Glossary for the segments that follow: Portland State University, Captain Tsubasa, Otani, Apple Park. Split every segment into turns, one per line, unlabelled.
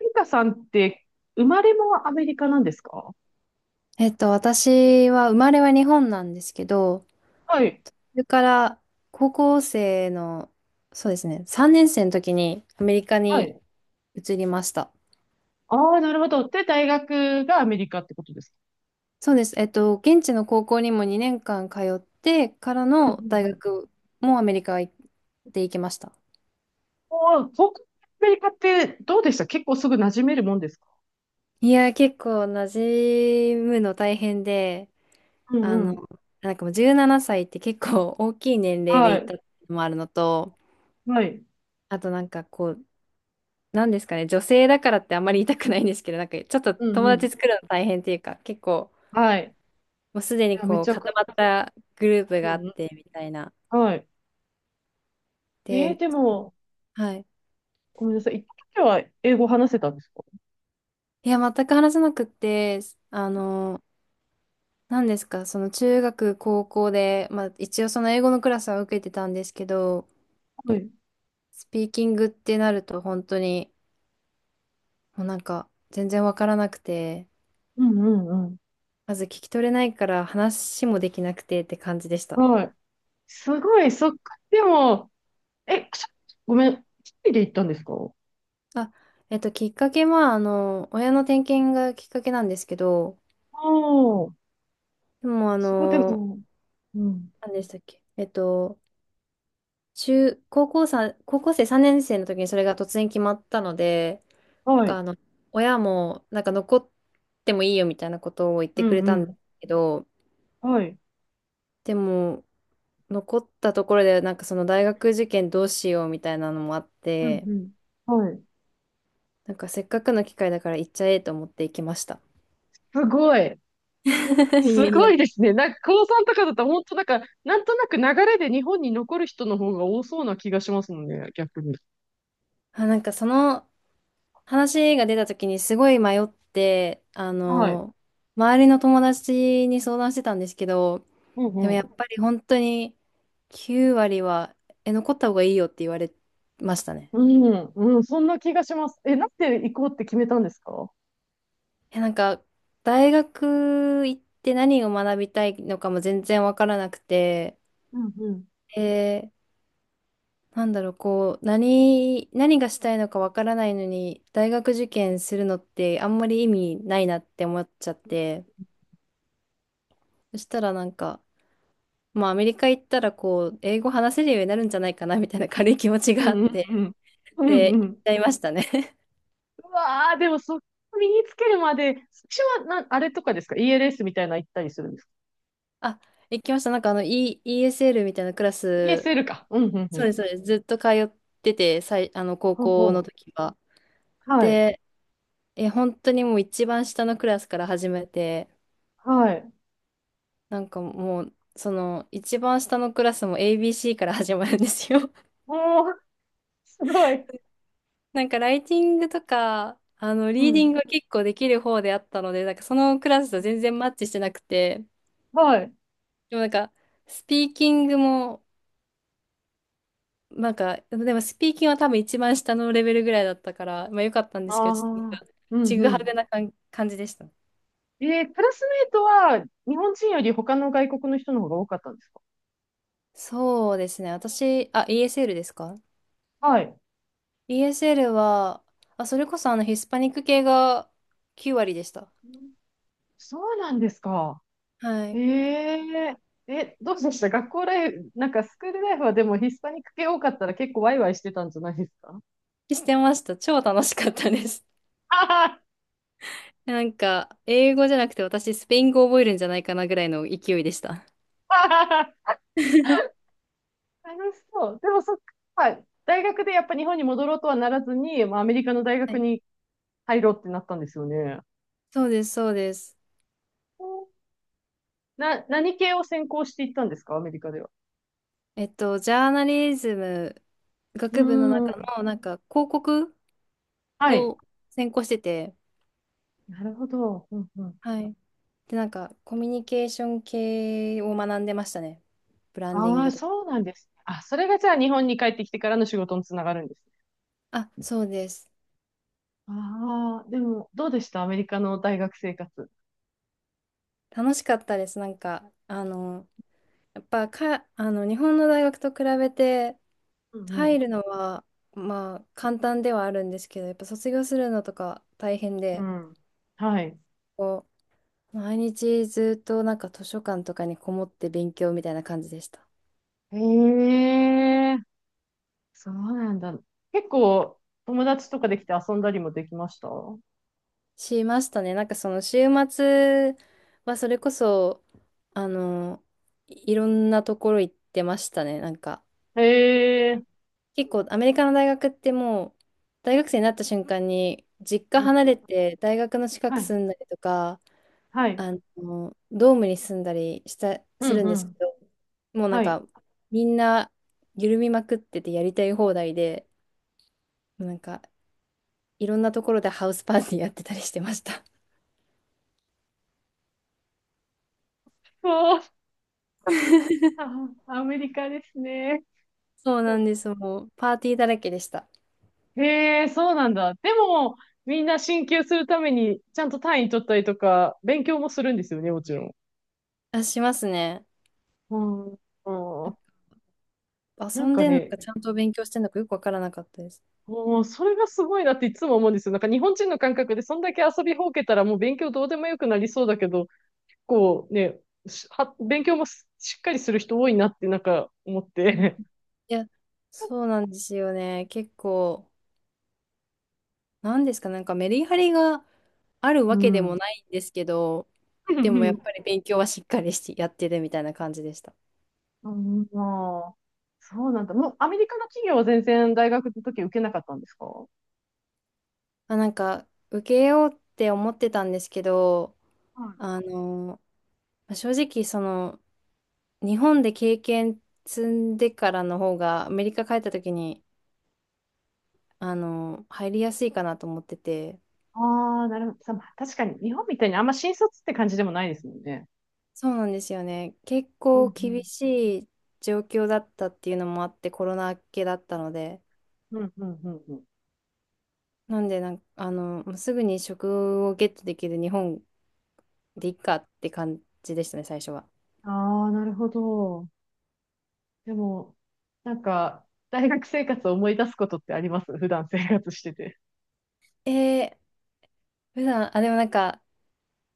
リカさんって生まれもアメリカなんですか？
私は生まれは日本なんですけど、
はい。
それから高校生の、そうですね、3年生の時にアメリカ
は
に
い。
移りました。
ああ、なるほど。で、大学がアメリカってことですか？
そうです。現地の高校にも2年間通ってから
うん
の
うんうん。
大学もアメリカで行きました。
おー、僕、アメリカってどうでした？結構すぐ馴染めるもんですか？
いや、結構馴染むの大変で、
うん
あ
う
の、
ん。
なんかもう17歳って結構大きい年齢で
は
行っ
い。
たのもあるのと、
はい。
あとなんかこう、なんですかね、女性だからってあんまり言いたくないんですけど、なんかちょっと
うん
友
う
達
ん。
作るの大変っていうか、結構
はい。
もうすで
い
に
や、め
こう
ちゃくち
固まっ
ゃ。
たグループ
う
があ
ん
っ
うん。
てみたいな。
はい。
で、
でも、
はい。
ごめんなさい。行った時は英語話せたんですか？
いや、全く話せなくって、あの、何ですか、その中学、高校で、まあ一応その英語のクラスは受けてたんですけど、
はい。
スピーキングってなると本当にもうなんか全然わからなくて、
うんうんうん。
まず聞き取れないから話もできなくてって感じでした。
はい。すごい、そっか。でも、え、ごめん。一人で行ったんですか？
あ、きっかけは、親の転勤がきっかけなんですけど、
ああ。
でも、
そこでも、うん。
何でしたっけ、中、高校さん、高校生3年生の時にそれが突然決まったので、なん
は
か、
い。
親も、なんか、残ってもいいよみたいなことを言っ
う
てく
ん
れ
う
たんで
ん。
すけど、
はい。
でも、残ったところで、なんか、その大学受験どうしようみたいなのもあっ
うん
て、
うん。はい。
なんか、せっかくの機会だから行っちゃえと思って行きました。
すごい。
いや
す
い
ごいで
や。
すね。なんか、高3とかだと、本当なんか、なんとなく流れで日本に残る人の方が多そうな気がしますもんね、逆に。
あ、なんかその話が出た時にすごい迷って、
はい。
周りの友達に相談してたんですけど、
うん
でも
う
や
ん。
っぱり本当に9割は、残った方がいいよって言われましたね。
うん、うん、そんな気がします。え、なんで行こうって決めたんですか？
なんか、大学行って何を学びたいのかも全然わからなくて、
うんうん。
えーなんだろう、こう、何がしたいのかわからないのに、大学受験するのってあんまり意味ないなって思っちゃって、そしたらなんか、まあ、アメリカ行ったら、こう、英語話せるようになるんじゃないかな、みたいな軽い気持ち
う
があっ
んうんう
て、
ん。う
で、
んう
行っ
ん。
ちゃいましたね。
うわー、でもそこ身につけるまで、私はな、あれとかですか？ ELS みたいなの行ったりするんですか？
あ、行きました。なんか、イーエス s l みたいなクラス、
ESL か。うんうんう
そう
ん。
です、そうです。ずっと通ってて、高
うん
校
う
の
ん、
時は。
はい。
で、本当にもう一番下のクラスから始めて、
はい。
なんかもう、その、一番下のクラスも ABC から始まるんですよ。
おー、すごい。
なんか、ライティングとか、
う
リーディ
ん。
ングは結構できる方であったので、なんか、そのクラスと全然マッチしてなくて、
はい。
でもなんか、スピーキングも、なんか、でもスピーキングは多分一番下のレベルぐらいだったから、まあ良かったんですけど、ちょっとなん
ああ、
か、
う
ち
ん
ぐ
う
は
ん。
ぐな感じでした。
クラスメイトは日本人より他の外国の人の方が多かったんですか？
そうですね。私、あ、ESL ですか？
はい。
ESL は、あ、それこそあのヒスパニック系が9割でした。
そうなんですか。
は
え
い。
ええ、どうでした学校ライフ、なんかスクールライフはでもヒスパニック系多かったら結構ワイワイしてたんじゃないですか？
してました。超楽しかったです。
はは
なんか、英語じゃなくて私、スペイン語覚えるんじゃないかなぐらいの勢いでした。
はは、 楽しそう。でもそっか、はい、大学でやっぱ日本に戻ろうとはならずに、まあ、アメリカの大
は
学
い、
に入ろうってなったんですよね。
そうです、そうです。
何系を専攻していったんですか、アメリカでは？
ジャーナリズム
う
学部の
ー
中
ん。
の、なんか、広告
はい。
を専攻してて、
なるほど。うんうん。
はい。で、なんか、コミュニケーション系を学んでましたね。ブランディン
あ
グ
あ、
とか。
そうなんですね。あ、それがじゃあ日本に帰ってきてからの仕事につながるんですね。
あ、そうです。
ああ、でも、どうでしたアメリカの大学生活？
楽しかったです。なんか、やっぱか、日本の大学と比べて、
うんう
入
ん。
るのは、まあ、簡単ではあるんですけど、やっぱ卒業するのとか大変
う
で、
ん、はい。
こう、毎日ずっとなんか図書館とかにこもって勉強みたいな感じでした。
へえ、そうなんだ。結構、友達とかできて遊んだりもできました？
しましたね。なんかその週末はそれこそ、あの、いろんなところ行ってましたね。なんか
へえ、
結構アメリカの大学ってもう大学生になった瞬間に実家
うん
離
う
れ
ん。
て大学の近
は
く
い、
住んだりとか、
はい。
あドームに住んだりす
うん
るん
う
ですけ
ん。
ど、もうなん
はい。
かみんな緩みまくっててやりたい放題で、なんかいろんなところでハウスパーティーやってたりしてました。
そう、あ、アメリカですね。
そうなんです。もうパーティーだらけでした。
へえ、そうなんだ。でも、みんな進級するために、ちゃんと単位取ったりとか、勉強もするんですよね、もちろん。
あ、しますね。
うん、うん、
遊
なん
ん
か
でんのか、
ね、
ちゃんと勉強してんのかよくわからなかったです。
もう、それがすごいなっていつも思うんですよ。なんか日本人の感覚で、そんだけ遊びほうけたらもう勉強どうでもよくなりそうだけど、こうね、しは、勉強もししっかりする人多いなって、なんか思っ
うん、
て。
いや、そうなんですよね。結構、なんですか、なんかメリハリがある
う
わけでも
ん。
ないんですけど、
う
でもやっ
ん
ぱり勉強はしっかりしてやってるみたいな感じでした。
うん、まあ、そうなんだ。もう、アメリカの企業は全然大学の時受けなかったんですかは？
あ、なんか、受けようって思ってたんですけど、あの、まあ正直、その、日本で経験積んでからの方が、アメリカ帰った時に、入りやすいかなと思ってて、
ああ、なるほど。さまあ、確かに、日本みたいにあんま新卒って感じでもないですもんね。
そうなんですよね。結
う
構
ん、う
厳
ん。
しい状況だったっていうのもあって、コロナ明けだったので、
うん、うん、うん、うん。
なんでなんか、もうすぐに職をゲットできる日本でいいかって感じでしたね、最初は。
ああ、なるほど。でも、なんか、大学生活を思い出すことってあります？普段生活してて。
えー、普段、あ、でもなんか、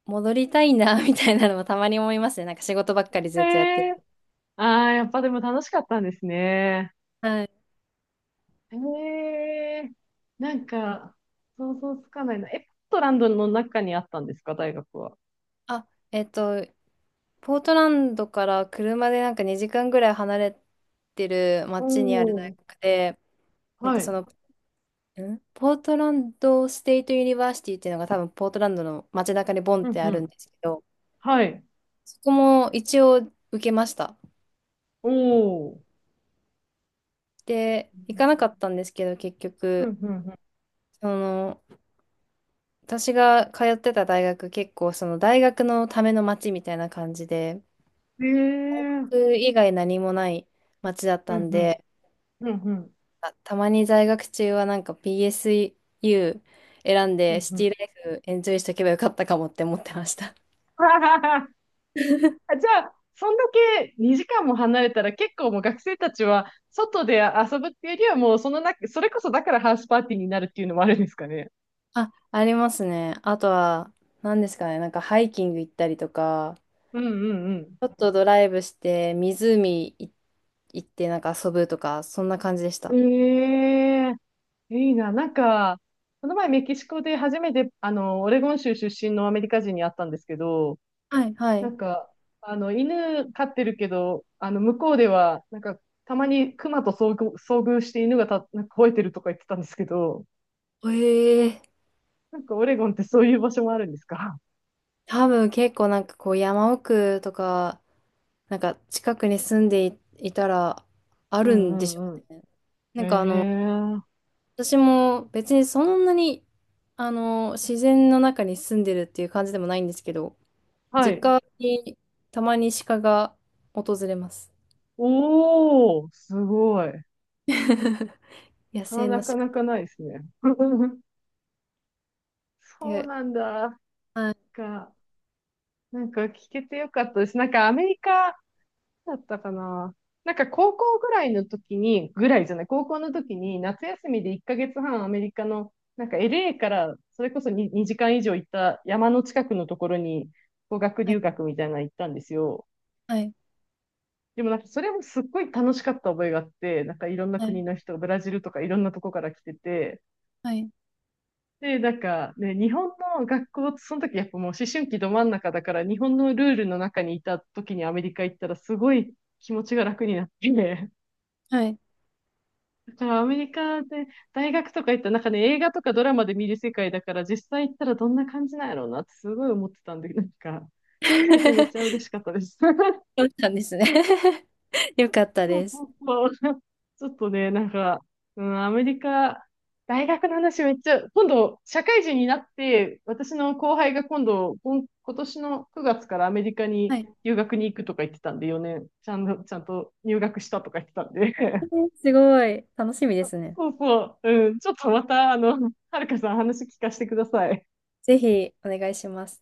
戻りたいな、みたいなのもたまに思いますね。なんか仕事ばっかり
へ
ずっとやって
え。
る。
ああ、やっぱでも楽しかったんですね。
はい。
へえ。なんか、想像つかないな。え、ポートランドの中にあったんですか、大学は？
あ、ポートランドから車でなんか2時間ぐらい離れてる
お
町にある大
お、
学で、なん
は
かそ
い。
のポートランドステイトユニバーシティっていうのが多分ポートランドの街中にボンっ
うん、
てあ
う
るん
ん。
ですけど、
はい。
そこも一応受けました。
おお。
で、行かなかったんですけど、結
う
局、
ん、うん、うん、
その、私が通ってた大学結構その大学のための街みたいな感じで、
ええ、うん
大学以外何もない街だっ
う
た
ん、
んで、
うんうん、
あたまに在学中はなんか PSU 選ん
う
で
ん
シ
う
テ
ん。
ィライフエンジョイしとけばよかったかもって思ってました。
あ、じゃあ、そんだけ2時間も離れたら結構もう学生たちは外で遊ぶっていうよりはもうそのな、それこそだからハウスパーティーになるっていうのもあるんですかね？
あ、ありますね。あとは、何ですかね、なんかハイキング行ったりとか、
うんうん
ちょっとドライブして、湖行って、なんか遊ぶとか、そんな感じでし
う
た。
ん。ええ、いいな。なんか、この前メキシコで初めて、オレゴン州出身のアメリカ人に会ったんですけど、
はい、は
な
い。
んか、犬飼ってるけど、向こうでは、なんか、たまに熊と遭遇して、犬がた、なんか吠えてるとか言ってたんですけど、
ええ、
なんかオレゴンってそういう場所もあるんですか？
多分結構なんかこう山奥とか、なんか近くに住んでいたら、あ
う
るんでしょ
んうんうん。
うね。な
え
んか
え、
私も別にそんなに、自然の中に住んでるっていう感じでもないんですけど、
は
実
い。
家にたまに鹿が訪れます。
おー、すごい。
野
それは
生
な
の
か
鹿
なかないですね。そう
で。
なんだ。
はい、
か、なんか聞けてよかったです。なんかアメリカだったかな。なんか高校ぐらいの時に、ぐらいじゃない、高校の時に夏休みで1ヶ月半アメリカの、なんか LA からそれこそ 2時間以上行った山の近くのところに語学
は
留
い、
学みたいなの行ったんですよ。
はい、
でもなんかそれもすっごい楽しかった覚えがあって、なんかいろんな
は
国
い、
の人、ブラジルとかいろんなとこから来てて、
はい。
で、なんかね、日本の学校ってその時やっぱもう思春期ど真ん中だから、日本のルールの中にいた時にアメリカ行ったらすごい気持ちが楽になって、
はい。
だからアメリカで大学とか行ったらなんかね、映画とかドラマで見る世界だから、実際行ったらどんな感じなんやろうなってすごい思ってたんで、なんか聞けてめっちゃ 嬉しかったです。
そうなんですね。 よかった
そ
で
うそ
す。
うそう、ちょっとねなんか、うん、アメリカ大学の話めっちゃ今度社会人になって、私の後輩が今度、今年の9月からアメリカに
はい。
留学に行くとか言ってたんで、4年、ちゃんと、ちゃんと入学したとか言ってたんで、
えー、すごい、楽しみですね。
そうそう。うん。ちょっとまた、はるかさん話聞かせてください。
ぜひお願いします。